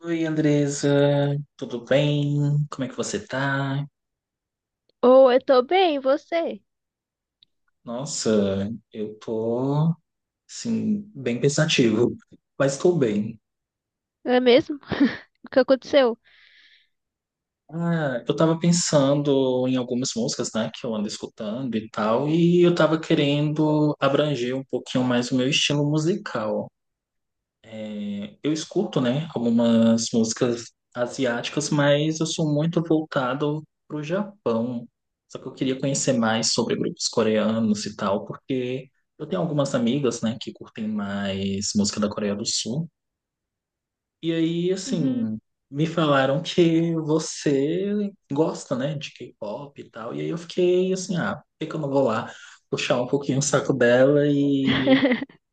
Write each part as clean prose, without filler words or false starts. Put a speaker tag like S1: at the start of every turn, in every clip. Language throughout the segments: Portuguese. S1: Oi, Andresa, tudo bem? Como é que você tá?
S2: Ou eu tô bem, e você?
S1: Nossa, eu tô, assim, bem pensativo, mas tô bem.
S2: É mesmo? O que aconteceu?
S1: Ah, eu tava pensando em algumas músicas, né, que eu ando escutando e tal, e eu tava querendo abranger um pouquinho mais o meu estilo musical. Eu escuto, né, algumas músicas asiáticas, mas eu sou muito voltado pro Japão. Só que eu queria conhecer mais sobre grupos coreanos e tal, porque eu tenho algumas amigas, né, que curtem mais música da Coreia do Sul. E aí,
S2: Uhum.
S1: assim, me falaram que você gosta, né, de K-pop e tal. E aí eu fiquei assim, ah, por que que eu não vou lá puxar um pouquinho o saco dela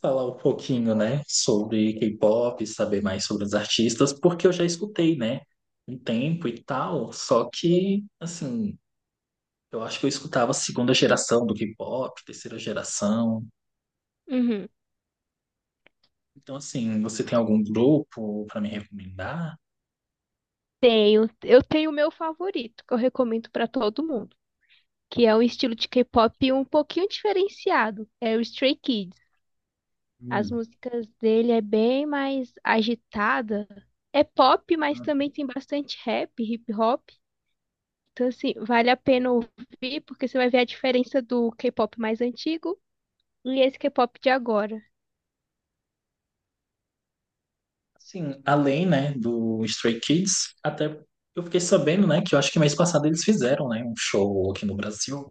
S1: falar um pouquinho, né, sobre K-pop, saber mais sobre os artistas, porque eu já escutei, né, um tempo e tal, só que, assim, eu acho que eu escutava a segunda geração do K-pop, terceira geração.
S2: Uhum.
S1: Então, assim, você tem algum grupo para me recomendar?
S2: Tenho, eu tenho o meu favorito, que eu recomendo pra todo mundo, que é um estilo de K-pop um pouquinho diferenciado, é o Stray Kids. As
S1: Hum.
S2: músicas dele é bem mais agitada, é pop, mas também tem bastante rap, hip hop. Então assim, vale a pena ouvir porque você vai ver a diferença do K-pop mais antigo e esse K-pop de agora.
S1: Assim, além, né, do Stray Kids, até eu fiquei sabendo, né, que eu acho que mês passado eles fizeram, né, um show aqui no Brasil.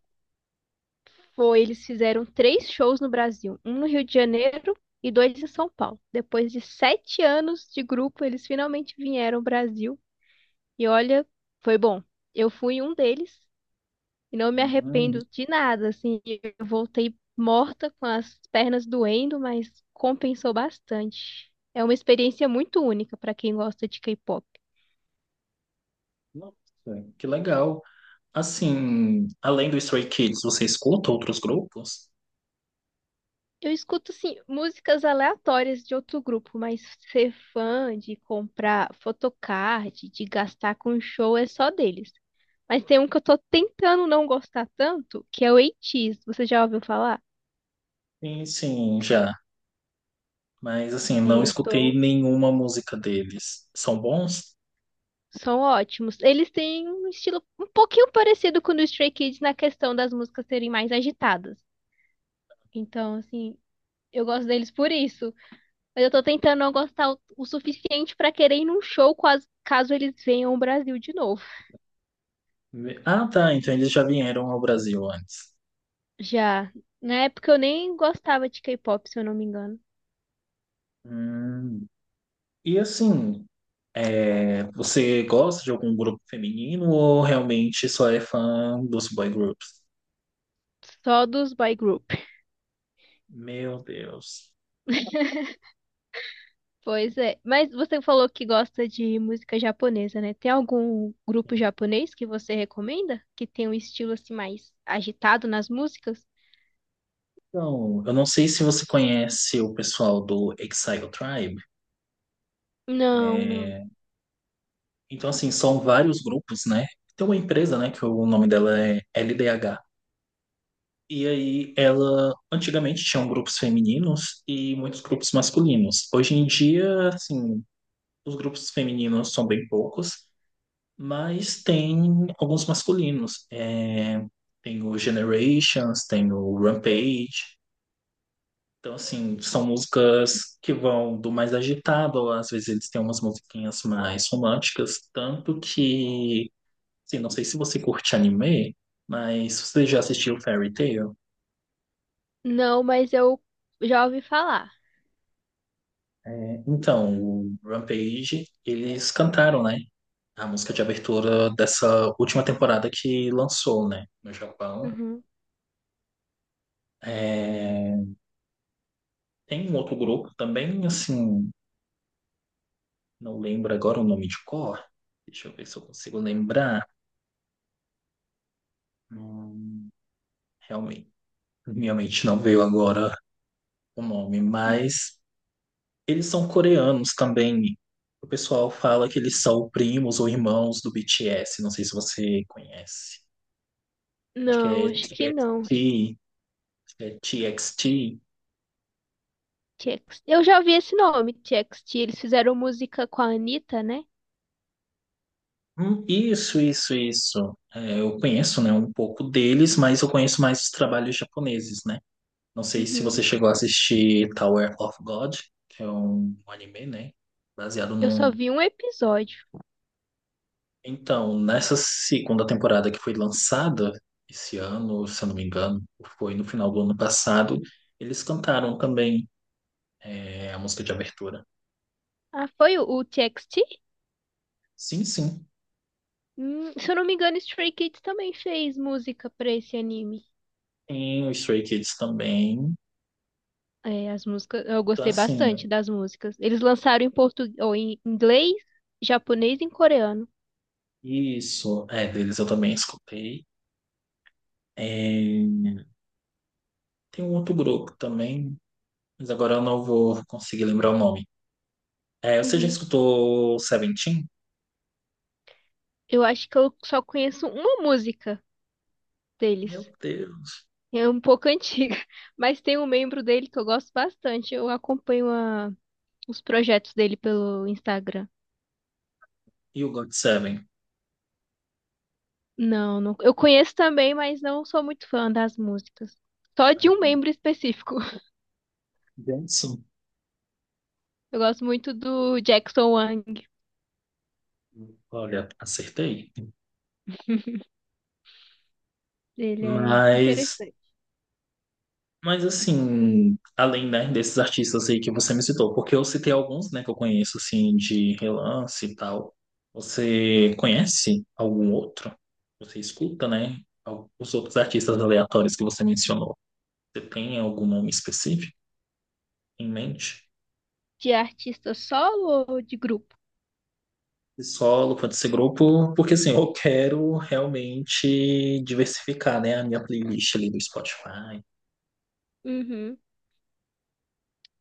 S2: Foi, eles fizeram três shows no Brasil, um no Rio de Janeiro e dois em São Paulo. Depois de 7 anos de grupo, eles finalmente vieram ao Brasil. E olha, foi bom. Eu fui um deles e não me
S1: Hum,
S2: arrependo de nada. Assim, eu voltei morta com as pernas doendo, mas compensou bastante. É uma experiência muito única para quem gosta de K-pop.
S1: nossa, que legal. Assim, além do Stray Kids, você escuta outros grupos?
S2: Eu escuto, assim, músicas aleatórias de outro grupo, mas ser fã de comprar photocard, de gastar com show é só deles. Mas tem um que eu tô tentando não gostar tanto, que é o 8. Você já ouviu falar?
S1: Sim, sim, já. Mas assim, não
S2: É,
S1: escutei nenhuma música deles. São bons?
S2: São ótimos. Eles têm um estilo um pouquinho parecido com o do Stray Kids na questão das músicas serem mais agitadas. Então, assim, eu gosto deles por isso. Mas eu tô tentando não gostar o suficiente pra querer ir num show quase, caso eles venham ao Brasil de novo.
S1: Ah, tá. Então eles já vieram ao Brasil antes.
S2: Já. Na época eu nem gostava de K-pop, se eu não me engano.
S1: Hum. E assim, é, você gosta de algum grupo feminino ou realmente só é fã dos boy groups?
S2: Só dos boy group.
S1: Meu Deus.
S2: Pois é. Mas você falou que gosta de música japonesa, né? Tem algum grupo japonês que você recomenda? Que tem um estilo assim mais agitado nas músicas?
S1: Então, eu não sei se você conhece o pessoal do Exile Tribe.
S2: Não, não.
S1: É, então, assim, são vários grupos, né? Tem uma empresa, né, que o nome dela é LDH. E aí, ela antigamente tinha grupos femininos e muitos grupos masculinos. Hoje em dia, assim, os grupos femininos são bem poucos, mas tem alguns masculinos. É, tem o Generations, tem o Rampage. Então, assim, são músicas que vão do mais agitado, ou às vezes eles têm umas musiquinhas mais românticas, tanto que sim, não sei se você curte anime, mas você já assistiu Fairy Tail?
S2: Não, mas eu já ouvi falar.
S1: É, então, o Rampage, eles cantaram, né? A música de abertura dessa última temporada que lançou, né? No Japão.
S2: Uhum.
S1: É, tem um outro grupo também, assim, não lembro agora o nome de cor. Deixa eu ver se eu consigo lembrar. Hum, realmente, minha mente não veio agora o nome, mas eles são coreanos também. O pessoal fala que eles são primos ou irmãos do BTS. Não sei se você conhece. Acho que
S2: Não,
S1: é
S2: acho que não.
S1: TXT. Acho que é TXT.
S2: TXT. Eu já ouvi esse nome, TXT. Eles fizeram música com a Anitta, né?
S1: Isso, isso, isso. É, eu conheço, né, um pouco deles, mas eu conheço mais os trabalhos japoneses, né? Não sei se você
S2: Uhum.
S1: chegou a assistir Tower of God, que é um anime, né? Baseado
S2: Eu só
S1: num...
S2: vi um episódio.
S1: Então, nessa segunda temporada que foi lançada esse ano, se eu não me engano, foi no final do ano passado, eles cantaram também é, a música de abertura.
S2: Ah, foi o TXT?
S1: Sim, sim.
S2: Se eu não me engano, Stray Kids também fez música pra esse anime.
S1: Tem o Stray Kids também.
S2: É, as músicas, eu
S1: Então,
S2: gostei
S1: assim,
S2: bastante das músicas. Eles lançaram em português, ou em inglês, japonês e em coreano.
S1: isso, é, deles eu também escutei. É, tem um outro grupo também, mas agora eu não vou conseguir lembrar o nome. É, você já
S2: Uhum.
S1: escutou Seventeen?
S2: Eu acho que eu só conheço uma música
S1: Meu
S2: deles.
S1: Deus.
S2: É um pouco antiga, mas tem um membro dele que eu gosto bastante. Eu acompanho os projetos dele pelo Instagram.
S1: E o God Seven?
S2: Não, não, eu conheço também, mas não sou muito fã das músicas. Só de um membro específico.
S1: Benção.
S2: Eu gosto muito do Jackson Wang.
S1: Olha, acertei.
S2: Ele é
S1: Mas,
S2: interessante.
S1: mas assim, além, né, desses artistas aí que você me citou, porque eu citei alguns, né, que eu conheço, assim, de relance e tal. Você conhece algum outro? Você escuta, né, al- os outros artistas aleatórios que você mencionou? Você tem algum nome específico em mente?
S2: De artista solo ou de grupo?
S1: De solo, pode ser grupo, porque assim, eu quero realmente diversificar, né, a minha playlist ali do Spotify.
S2: Uhum.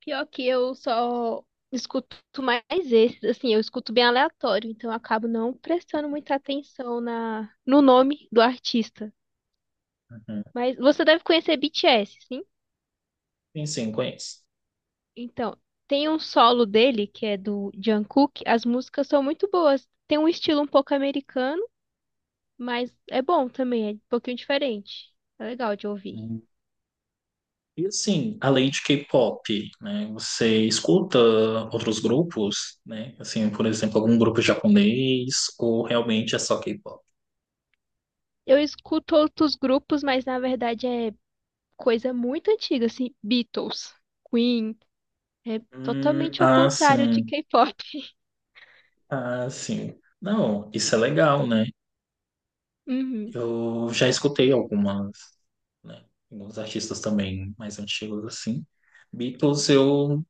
S2: Pior que eu só escuto mais esses, assim, eu escuto bem aleatório, então eu acabo não prestando muita atenção na no nome do artista.
S1: Uhum.
S2: Mas você deve conhecer BTS, sim?
S1: Sim, sim, conheço.
S2: Então, tem um solo dele que é do Jungkook, as músicas são muito boas. Tem um estilo um pouco americano, mas é bom também, é um pouquinho diferente. É legal de ouvir.
S1: E assim, além de K-pop, né, você escuta outros grupos, né? Assim, por exemplo, algum grupo japonês ou realmente é só K-pop?
S2: Eu escuto outros grupos, mas na verdade é coisa muito antiga, assim, Beatles, Queen, é totalmente ao
S1: Ah,
S2: contrário de
S1: sim.
S2: K-pop.
S1: Ah, sim. Não, isso é legal, né?
S2: Uhum.
S1: Eu já escutei algumas, né? Alguns artistas também mais antigos, assim. Beatles, eu,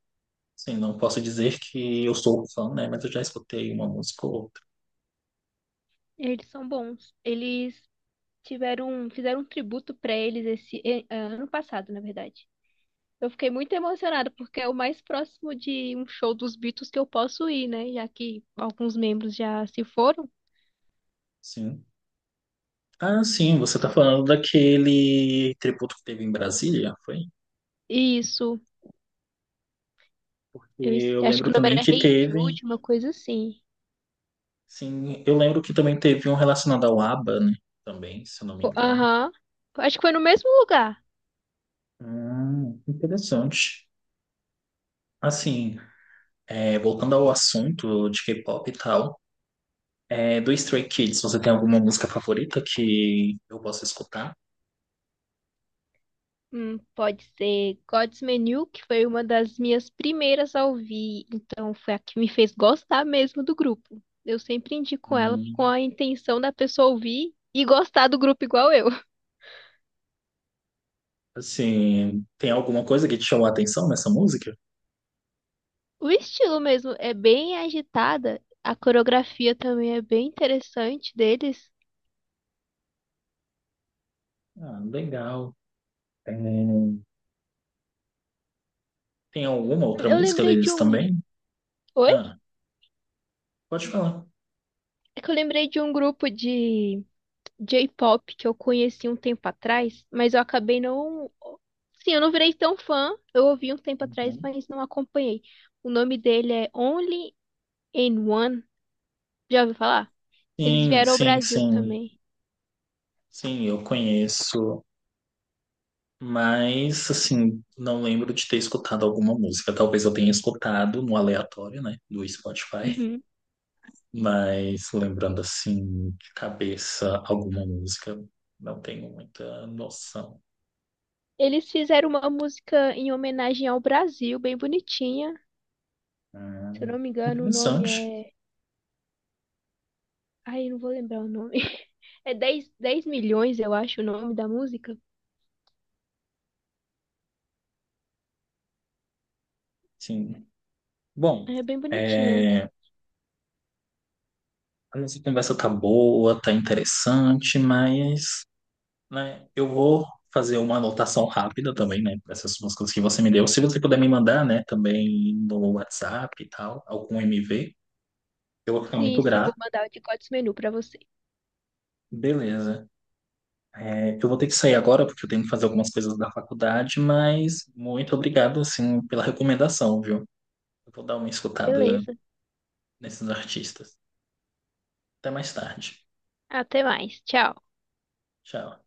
S1: assim, não posso dizer que eu sou fã, né? Mas eu já escutei uma música ou outra,
S2: Eles são bons. Eles tiveram, fizeram um tributo pra eles esse ano passado, na verdade. Eu fiquei muito emocionada porque é o mais próximo de um show dos Beatles que eu posso ir, né? Já que alguns membros já se foram.
S1: sim. Ah, sim, você tá falando daquele tributo que teve em Brasília, foi?
S2: Isso. Eu
S1: E eu
S2: acho
S1: lembro
S2: que o nome
S1: também
S2: era
S1: que
S2: Hey
S1: teve,
S2: Jude, uma coisa assim.
S1: sim, eu lembro que também teve um relacionado ao ABBA, né? Também, se eu não me engano.
S2: Aham. Acho que foi no mesmo lugar.
S1: Interessante. Assim, é, voltando ao assunto de K-pop e tal, é, do Stray Kids, você tem alguma música favorita que eu possa escutar?
S2: Pode ser God's Menu, que foi uma das minhas primeiras a ouvir, então foi a que me fez gostar mesmo do grupo. Eu sempre indico ela
S1: Hum,
S2: com a intenção da pessoa ouvir e gostar do grupo igual eu.
S1: assim, tem alguma coisa que te chamou a atenção nessa música?
S2: O estilo mesmo é bem agitada, a coreografia também é bem interessante deles.
S1: Ah, legal. É, tem alguma outra
S2: Eu
S1: música
S2: lembrei de
S1: deles
S2: um.
S1: também?
S2: Oi?
S1: Ah, pode falar.
S2: É que eu lembrei de um grupo de J-pop que eu conheci um tempo atrás, mas eu acabei não. Sim, eu não virei tão fã. Eu ouvi um tempo atrás,
S1: Uhum.
S2: mas não acompanhei. O nome dele é Only in One. Já ouviu falar? Eles
S1: Sim,
S2: vieram ao
S1: sim,
S2: Brasil
S1: sim.
S2: também.
S1: Sim, eu conheço, mas assim, não lembro de ter escutado alguma música. Talvez eu tenha escutado no aleatório, né, do Spotify,
S2: Uhum.
S1: mas lembrando assim, de cabeça alguma música, não tenho muita noção.
S2: Eles fizeram uma música em homenagem ao Brasil, bem bonitinha. Se eu
S1: Hum,
S2: não me engano, o nome
S1: interessante.
S2: é. Ai, eu não vou lembrar o nome. É dez milhões, eu acho, o nome da música.
S1: Sim. Bom,
S2: É bem bonitinha.
S1: é, a nossa conversa tá boa, tá interessante, mas né? Eu vou fazer uma anotação rápida também, né? Essas umas coisas que você me deu. Se você puder me mandar, né, também no WhatsApp e tal, algum MV, eu vou ficar
S2: Sim,
S1: muito
S2: sim, eu vou
S1: grato.
S2: mandar o de Gods Menu pra você.
S1: Beleza. É, eu vou ter que sair agora porque eu tenho que fazer algumas coisas da faculdade, mas muito obrigado, assim, pela recomendação, viu? Eu vou dar uma escutada
S2: Beleza.
S1: nesses artistas. Até mais tarde.
S2: Até mais. Tchau.
S1: Tchau.